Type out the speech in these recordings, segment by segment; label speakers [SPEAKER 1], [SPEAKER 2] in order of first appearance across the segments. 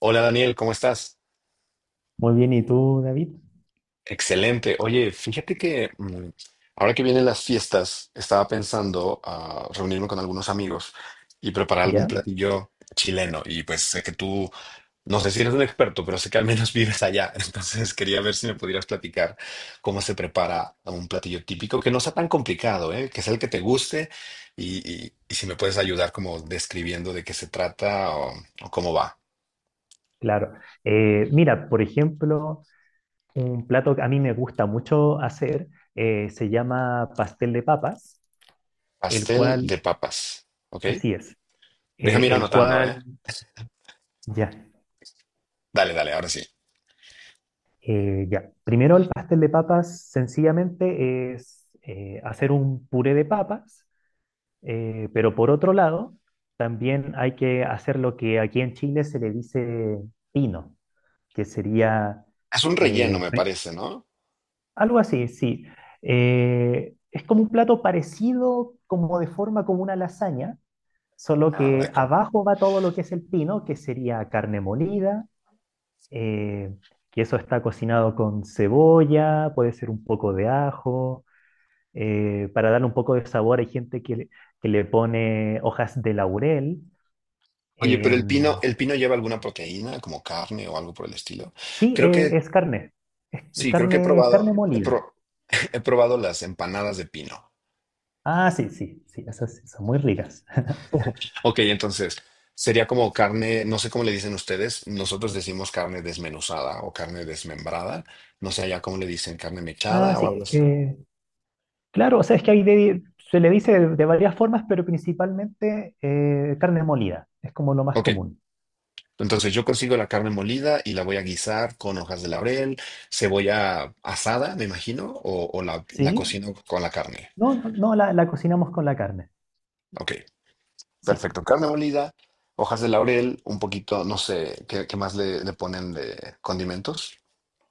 [SPEAKER 1] Hola Daniel, ¿cómo estás?
[SPEAKER 2] Muy bien, ¿y tú, David?
[SPEAKER 1] Excelente. Oye, fíjate que ahora que vienen las fiestas, estaba pensando a reunirme con algunos amigos y preparar algún
[SPEAKER 2] ¿Ya?
[SPEAKER 1] platillo chileno. Y pues sé que tú, no sé si eres un experto, pero sé que al menos vives allá. Entonces quería ver si me pudieras platicar cómo se prepara un platillo típico que no sea tan complicado, ¿eh? Que sea el que te guste y, y si me puedes ayudar como describiendo de qué se trata o cómo va.
[SPEAKER 2] Claro. Mira, por ejemplo, un plato que a mí me gusta mucho hacer se llama pastel de papas, el
[SPEAKER 1] Pastel
[SPEAKER 2] cual,
[SPEAKER 1] de papas, ¿ok?
[SPEAKER 2] así es, eh,
[SPEAKER 1] Déjame ir
[SPEAKER 2] el
[SPEAKER 1] anotando, ¿eh?
[SPEAKER 2] cual, ya,
[SPEAKER 1] Dale, dale, ahora sí.
[SPEAKER 2] ya. Primero el pastel de papas sencillamente es hacer un puré de papas, pero por otro lado, también hay que hacer lo que aquí en Chile se le dice pino, que sería...
[SPEAKER 1] Es un relleno,
[SPEAKER 2] eh,
[SPEAKER 1] me parece, ¿no?
[SPEAKER 2] Algo así, sí. Es como un plato parecido, como de forma como una lasaña, solo
[SPEAKER 1] Ah, de ok,
[SPEAKER 2] que
[SPEAKER 1] acuerdo.
[SPEAKER 2] abajo va todo lo que es el pino, que sería carne molida, eh, que eso está cocinado con cebolla, puede ser un poco de ajo. Para darle un poco de sabor, hay gente que le pone hojas de laurel.
[SPEAKER 1] Oye, pero
[SPEAKER 2] em,
[SPEAKER 1] el pino lleva alguna proteína, como carne o algo por el estilo.
[SPEAKER 2] sí,
[SPEAKER 1] Creo que,
[SPEAKER 2] eh, Es carne,
[SPEAKER 1] sí, creo que he
[SPEAKER 2] carne
[SPEAKER 1] probado,
[SPEAKER 2] molida.
[SPEAKER 1] he probado las empanadas de pino.
[SPEAKER 2] Ah, sí, sí, sí, esas sí son muy ricas.
[SPEAKER 1] Ok, entonces, sería como carne, no sé cómo le dicen ustedes, nosotros decimos carne desmenuzada o carne desmembrada. No sé ya cómo le dicen, carne
[SPEAKER 2] Ah,
[SPEAKER 1] mechada o algo
[SPEAKER 2] sí.
[SPEAKER 1] así.
[SPEAKER 2] Claro, o sea, es que se le dice de varias formas, pero principalmente carne molida, es como lo más
[SPEAKER 1] Ok.
[SPEAKER 2] común.
[SPEAKER 1] Entonces yo consigo la carne molida y la voy a guisar con hojas de laurel, cebolla asada, me imagino, o la
[SPEAKER 2] ¿Sí?
[SPEAKER 1] cocino con la carne.
[SPEAKER 2] No, no, no, la cocinamos con la carne,
[SPEAKER 1] Ok,
[SPEAKER 2] sí.
[SPEAKER 1] perfecto. Carne molida, hojas de laurel, un poquito, no sé, ¿qué más le ponen de condimentos?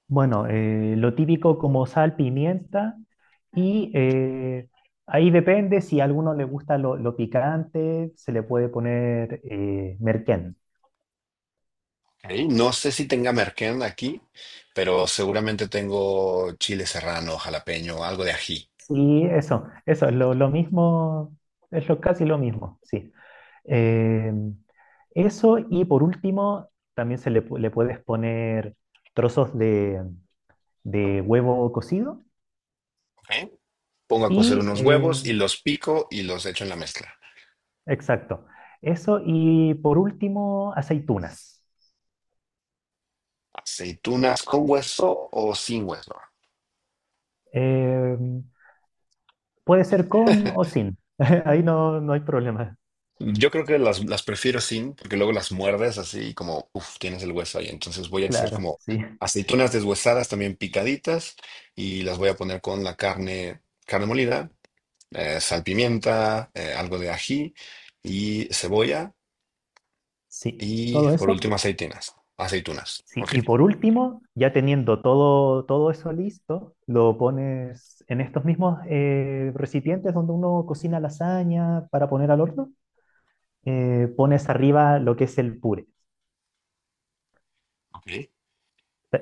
[SPEAKER 2] Bueno, lo típico como sal, pimienta, y ahí depende si a alguno le gusta lo picante, se le puede poner merquén.
[SPEAKER 1] Ok, no sé si tenga merquén aquí, pero seguramente tengo chile serrano, jalapeño, algo de ají.
[SPEAKER 2] Sí, eso, es lo mismo, es lo, casi lo mismo, sí. Eh, Eso y por último, también le puedes poner trozos de huevo cocido
[SPEAKER 1] Ok. Pongo a cocer
[SPEAKER 2] y,
[SPEAKER 1] unos huevos y los pico y los echo en la mezcla.
[SPEAKER 2] exacto, eso y por último, aceitunas.
[SPEAKER 1] ¿Aceitunas con hueso o sin hueso?
[SPEAKER 2] Eh, Puede ser con o sin, ahí no, no hay problema,
[SPEAKER 1] Yo creo que las prefiero sin, porque luego las muerdes así como, uff, tienes el hueso ahí. Entonces voy a hacer
[SPEAKER 2] claro,
[SPEAKER 1] como
[SPEAKER 2] sí,
[SPEAKER 1] aceitunas deshuesadas también picaditas y las voy a poner con la carne, carne molida, salpimienta, algo de ají y cebolla
[SPEAKER 2] sí,
[SPEAKER 1] y
[SPEAKER 2] todo
[SPEAKER 1] por
[SPEAKER 2] eso.
[SPEAKER 1] último aceitunas. Aceitunas.
[SPEAKER 2] Sí,
[SPEAKER 1] Ok,
[SPEAKER 2] y por último, ya teniendo todo, todo eso listo, lo pones en estos mismos recipientes donde uno cocina lasaña para poner al horno. Pones arriba lo que es el puré.
[SPEAKER 1] ok.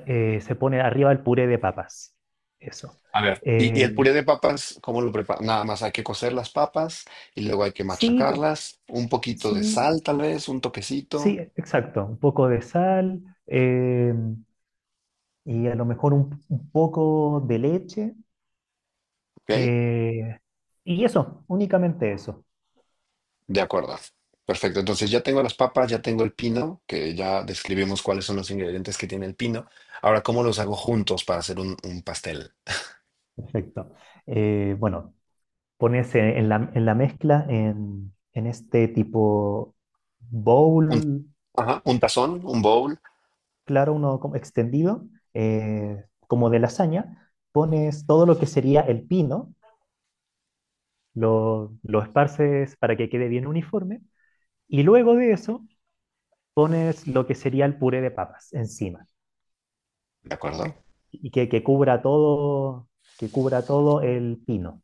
[SPEAKER 2] Se pone arriba el puré de papas. Eso.
[SPEAKER 1] A ver. Y
[SPEAKER 2] Eh,
[SPEAKER 1] el puré de papas, ¿cómo lo preparo? Nada más hay que cocer las papas y luego hay que
[SPEAKER 2] sí, pe-
[SPEAKER 1] machacarlas, un poquito de
[SPEAKER 2] sí,
[SPEAKER 1] sal tal vez, un
[SPEAKER 2] sí,
[SPEAKER 1] toquecito,
[SPEAKER 2] exacto. Un poco de sal y a lo mejor un poco de leche.
[SPEAKER 1] ¿ok?
[SPEAKER 2] eh, y eso, únicamente eso.
[SPEAKER 1] De acuerdo. Perfecto. Entonces ya tengo las papas, ya tengo el pino, que ya describimos cuáles son los ingredientes que tiene el pino. Ahora, ¿cómo los hago juntos para hacer un pastel?
[SPEAKER 2] Perfecto. Bueno, ponerse en en la mezcla, en este tipo
[SPEAKER 1] Un,
[SPEAKER 2] bowl,
[SPEAKER 1] ajá, un tazón, un bowl,
[SPEAKER 2] claro, uno como extendido, como de lasaña, pones todo lo que sería el pino, lo esparces para que quede bien uniforme, y luego de eso pones lo que sería el puré de papas encima,
[SPEAKER 1] ¿de acuerdo?
[SPEAKER 2] y que cubra todo el pino.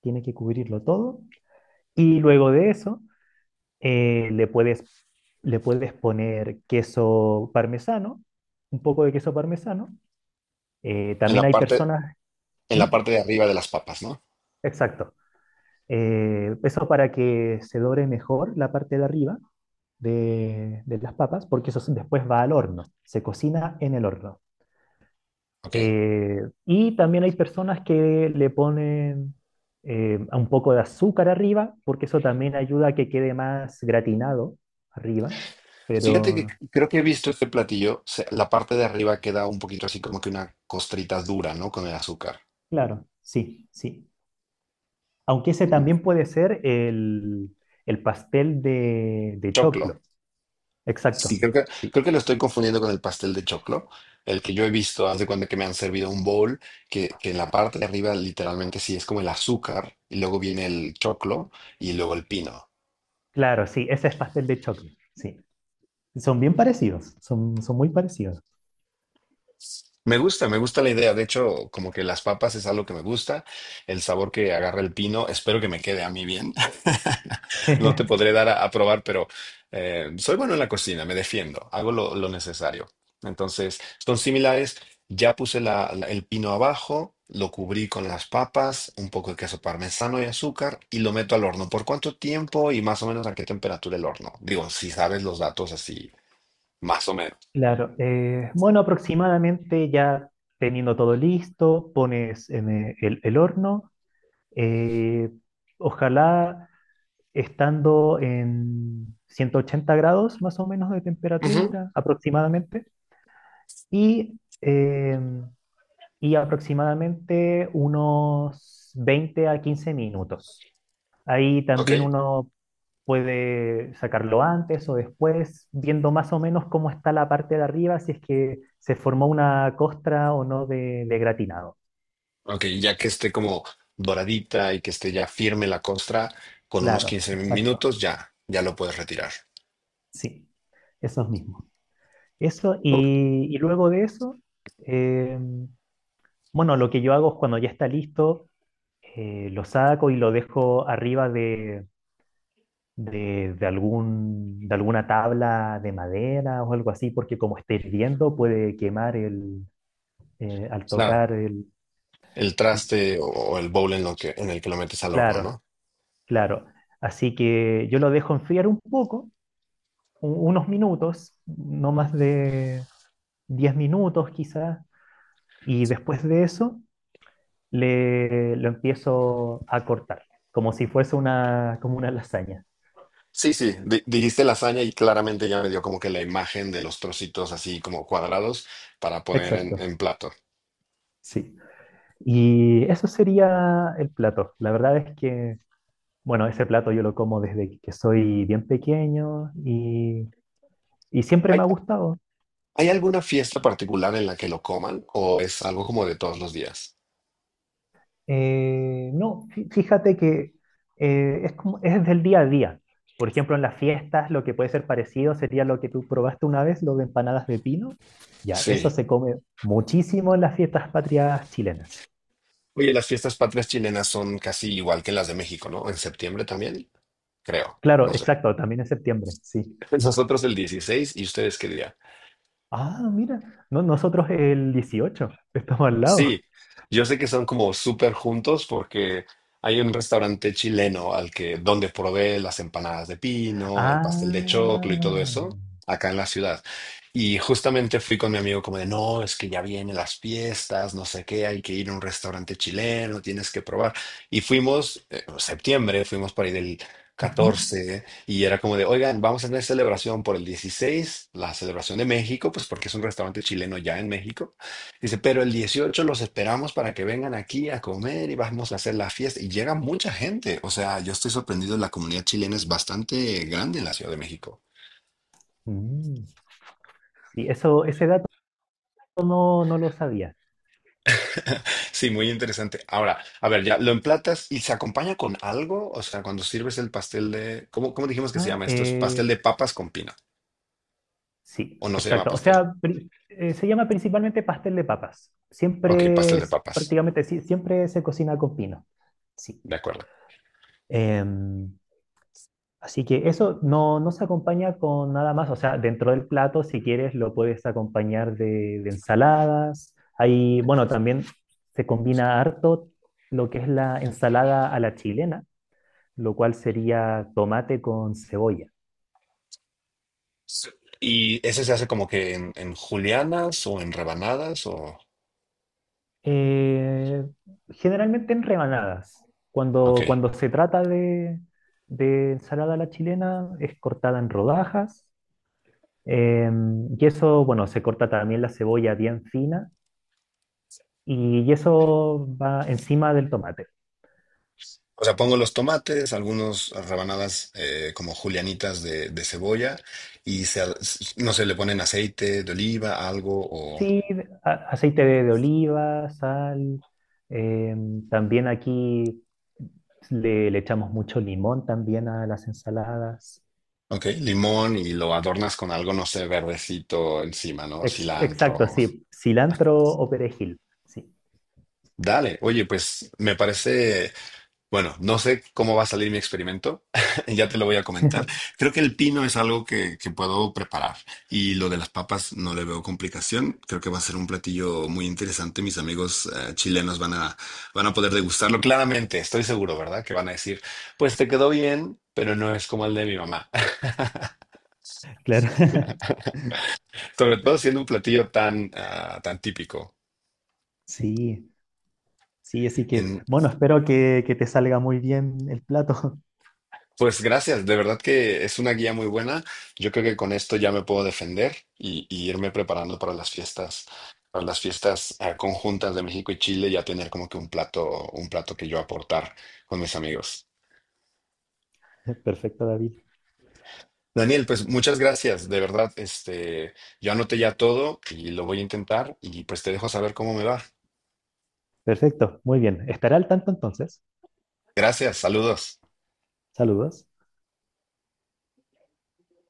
[SPEAKER 2] Tiene que cubrirlo todo. Y luego de eso Eh, le puedes, le puedes poner queso parmesano, un poco de queso parmesano.
[SPEAKER 1] En
[SPEAKER 2] También
[SPEAKER 1] la
[SPEAKER 2] hay
[SPEAKER 1] parte,
[SPEAKER 2] personas...
[SPEAKER 1] en
[SPEAKER 2] ¿Mm?
[SPEAKER 1] la parte de arriba de las papas, ¿no?
[SPEAKER 2] Exacto. Eso para que se dore mejor la parte de arriba de las papas, porque después va al horno, se cocina en el horno.
[SPEAKER 1] Ok.
[SPEAKER 2] Eh, y también hay personas que le ponen un poco de azúcar arriba, porque eso también ayuda a que quede más gratinado arriba.
[SPEAKER 1] Fíjate que
[SPEAKER 2] Pero
[SPEAKER 1] creo que he visto este platillo, la parte de arriba queda un poquito así como que una costrita dura, ¿no? Con el azúcar.
[SPEAKER 2] claro, sí, sí. Aunque ese
[SPEAKER 1] Mm,
[SPEAKER 2] también puede ser el pastel de
[SPEAKER 1] choclo.
[SPEAKER 2] choclo.
[SPEAKER 1] Sí,
[SPEAKER 2] Exacto,
[SPEAKER 1] creo que,
[SPEAKER 2] sí.
[SPEAKER 1] creo que lo estoy confundiendo con el pastel de choclo. El que yo he visto, haz de cuenta que me han servido un bowl, que en la parte de arriba literalmente sí es como el azúcar, y luego viene el choclo y luego el pino.
[SPEAKER 2] Claro, sí, ese es pastel de choclo, sí. Son bien parecidos, son, son muy parecidos.
[SPEAKER 1] Me gusta la idea. De hecho, como que las papas es algo que me gusta, el sabor que agarra el pino, espero que me quede a mí bien. No te podré dar a probar, pero soy bueno en la cocina, me defiendo, hago lo necesario. Entonces, son similares. Ya puse el pino abajo, lo cubrí con las papas, un poco de queso parmesano y azúcar y lo meto al horno. ¿Por cuánto tiempo y más o menos a qué temperatura el horno? Digo, si sabes los datos así, más o menos.
[SPEAKER 2] Claro, bueno, aproximadamente ya teniendo todo listo, pones en el horno, eh, ojalá estando en 180 grados más o menos de
[SPEAKER 1] Ujú,
[SPEAKER 2] temperatura aproximadamente. Y, y aproximadamente unos 20 a 15 minutos. Ahí
[SPEAKER 1] ok,
[SPEAKER 2] también uno puede sacarlo antes o después, viendo más o menos cómo está la parte de arriba, si es que se formó una costra o no de gratinado.
[SPEAKER 1] ok, ya que esté como doradita y que esté ya firme la costra, con unos
[SPEAKER 2] Claro,
[SPEAKER 1] 15
[SPEAKER 2] exacto,
[SPEAKER 1] minutos ya, ya lo puedes retirar.
[SPEAKER 2] sí, esos mismos. Eso,
[SPEAKER 1] Ok.
[SPEAKER 2] y luego de eso, eh, bueno, lo que yo hago es cuando ya está listo, lo saco y lo dejo arriba de algún, de alguna tabla de madera o algo así, porque como esté hirviendo puede quemar el, eh, al tocar el,
[SPEAKER 1] El
[SPEAKER 2] el-
[SPEAKER 1] traste o el bowl lo que, en el que lo metes al horno,
[SPEAKER 2] claro,
[SPEAKER 1] ¿no?
[SPEAKER 2] claro. Así que yo lo dejo enfriar un poco, unos minutos, no más de 10 minutos quizás, y después de eso lo empiezo a cortar, como si fuese una, como una lasaña.
[SPEAKER 1] Sí, sí, dijiste lasaña y claramente ya me dio como que la imagen de los trocitos así como cuadrados para poner en,
[SPEAKER 2] Exacto,
[SPEAKER 1] en plato.
[SPEAKER 2] sí. Y eso sería el plato. La verdad es que bueno, ese plato yo lo como desde que soy bien pequeño y siempre
[SPEAKER 1] ¿Hay,
[SPEAKER 2] me ha gustado.
[SPEAKER 1] hay alguna fiesta particular en la que lo coman o es algo como de todos los días?
[SPEAKER 2] No, fí- Fíjate que es como, es del día a día. Por ejemplo, en las fiestas lo que puede ser parecido sería lo que tú probaste una vez, lo de empanadas de pino. Ya, eso
[SPEAKER 1] Sí.
[SPEAKER 2] se come muchísimo en las fiestas patrias chilenas.
[SPEAKER 1] Oye, las fiestas patrias chilenas son casi igual que las de México, ¿no? En septiembre también, creo,
[SPEAKER 2] Claro,
[SPEAKER 1] no sé.
[SPEAKER 2] exacto, también en septiembre, sí.
[SPEAKER 1] ¿Nosotros el 16 y ustedes qué día?
[SPEAKER 2] Ah, mira, no, nosotros el 18 estamos al
[SPEAKER 1] Sí,
[SPEAKER 2] lado.
[SPEAKER 1] yo sé que son como súper juntos porque hay un restaurante chileno al que donde probé las empanadas de pino, el pastel de
[SPEAKER 2] Ah.
[SPEAKER 1] choclo y todo eso acá en la ciudad. Y justamente fui con mi amigo como de, no, es que ya vienen las fiestas, no sé qué, hay que ir a un restaurante chileno, tienes que probar. Y fuimos, en septiembre, fuimos por ahí del
[SPEAKER 2] Ujú.
[SPEAKER 1] 14 y era como de, oigan, vamos a tener celebración por el 16, la celebración de México, pues porque es un restaurante chileno ya en México. Dice, pero el 18 los esperamos para que vengan aquí a comer y vamos a hacer la fiesta. Y llega mucha gente. O sea, yo estoy sorprendido. La comunidad chilena es bastante grande en la Ciudad de México.
[SPEAKER 2] Mm. Sí, eso, ese dato no, no lo sabía.
[SPEAKER 1] Sí, muy interesante. Ahora, a ver, ya lo emplatas y se acompaña con algo. O sea, cuando sirves el pastel de... ¿Cómo dijimos que se
[SPEAKER 2] Ah,
[SPEAKER 1] llama esto? ¿Es pastel
[SPEAKER 2] eh,
[SPEAKER 1] de papas con pino?
[SPEAKER 2] sí,
[SPEAKER 1] ¿O no se llama
[SPEAKER 2] exacto. O
[SPEAKER 1] pastel?
[SPEAKER 2] sea, se llama principalmente pastel de papas.
[SPEAKER 1] Ok, pastel de papas.
[SPEAKER 2] Prácticamente, sí, siempre se cocina con pino. Sí.
[SPEAKER 1] De acuerdo.
[SPEAKER 2] Em, Así que eso no, no se acompaña con nada más. O sea, dentro del plato, si quieres, lo puedes acompañar de ensaladas. Ahí, bueno, también se combina harto lo que es la ensalada a la chilena, lo cual sería tomate con cebolla.
[SPEAKER 1] Sí. ¿Y ese se hace como que en julianas o en rebanadas o...?
[SPEAKER 2] Eh, generalmente en rebanadas.
[SPEAKER 1] Ok.
[SPEAKER 2] Cuando, cuando se trata de ensalada a la chilena, es cortada en rodajas. eh, y eso, bueno, se corta también la cebolla bien fina. Y eso va encima del tomate.
[SPEAKER 1] O sea, pongo los tomates, algunas rebanadas como julianitas de cebolla y se, no sé, le ponen aceite de oliva, algo o,
[SPEAKER 2] Aceite de oliva, sal. eh, También aquí le echamos mucho limón también a las ensaladas.
[SPEAKER 1] ok, limón y lo adornas con algo, no sé, verdecito encima, ¿no? Cilantro.
[SPEAKER 2] Exacto, sí. Cilantro o perejil. Sí.
[SPEAKER 1] Dale, oye, pues me parece bueno, no sé cómo va a salir mi experimento, ya te lo voy a comentar. Creo que el pino es algo que puedo preparar y lo de las papas no le veo complicación. Creo que va a ser un platillo muy interesante. Mis amigos chilenos van a poder degustarlo. Claramente, estoy seguro, ¿verdad? Que van a decir, pues te quedó bien, pero no es como el de mi mamá.
[SPEAKER 2] Claro,
[SPEAKER 1] Sobre todo siendo un platillo tan típico.
[SPEAKER 2] sí, sí, así que, bueno, espero que te salga muy bien el plato.
[SPEAKER 1] Pues gracias, de verdad que es una guía muy buena. Yo creo que con esto ya me puedo defender y irme preparando para las fiestas conjuntas de México y Chile, ya tener como que un plato que yo aportar con mis amigos.
[SPEAKER 2] Perfecto, David.
[SPEAKER 1] Daniel, pues muchas gracias, de verdad, este, yo anoté ya todo y lo voy a intentar y pues te dejo saber cómo me va.
[SPEAKER 2] Perfecto, muy bien. Estará al tanto entonces.
[SPEAKER 1] Gracias, saludos.
[SPEAKER 2] Saludos.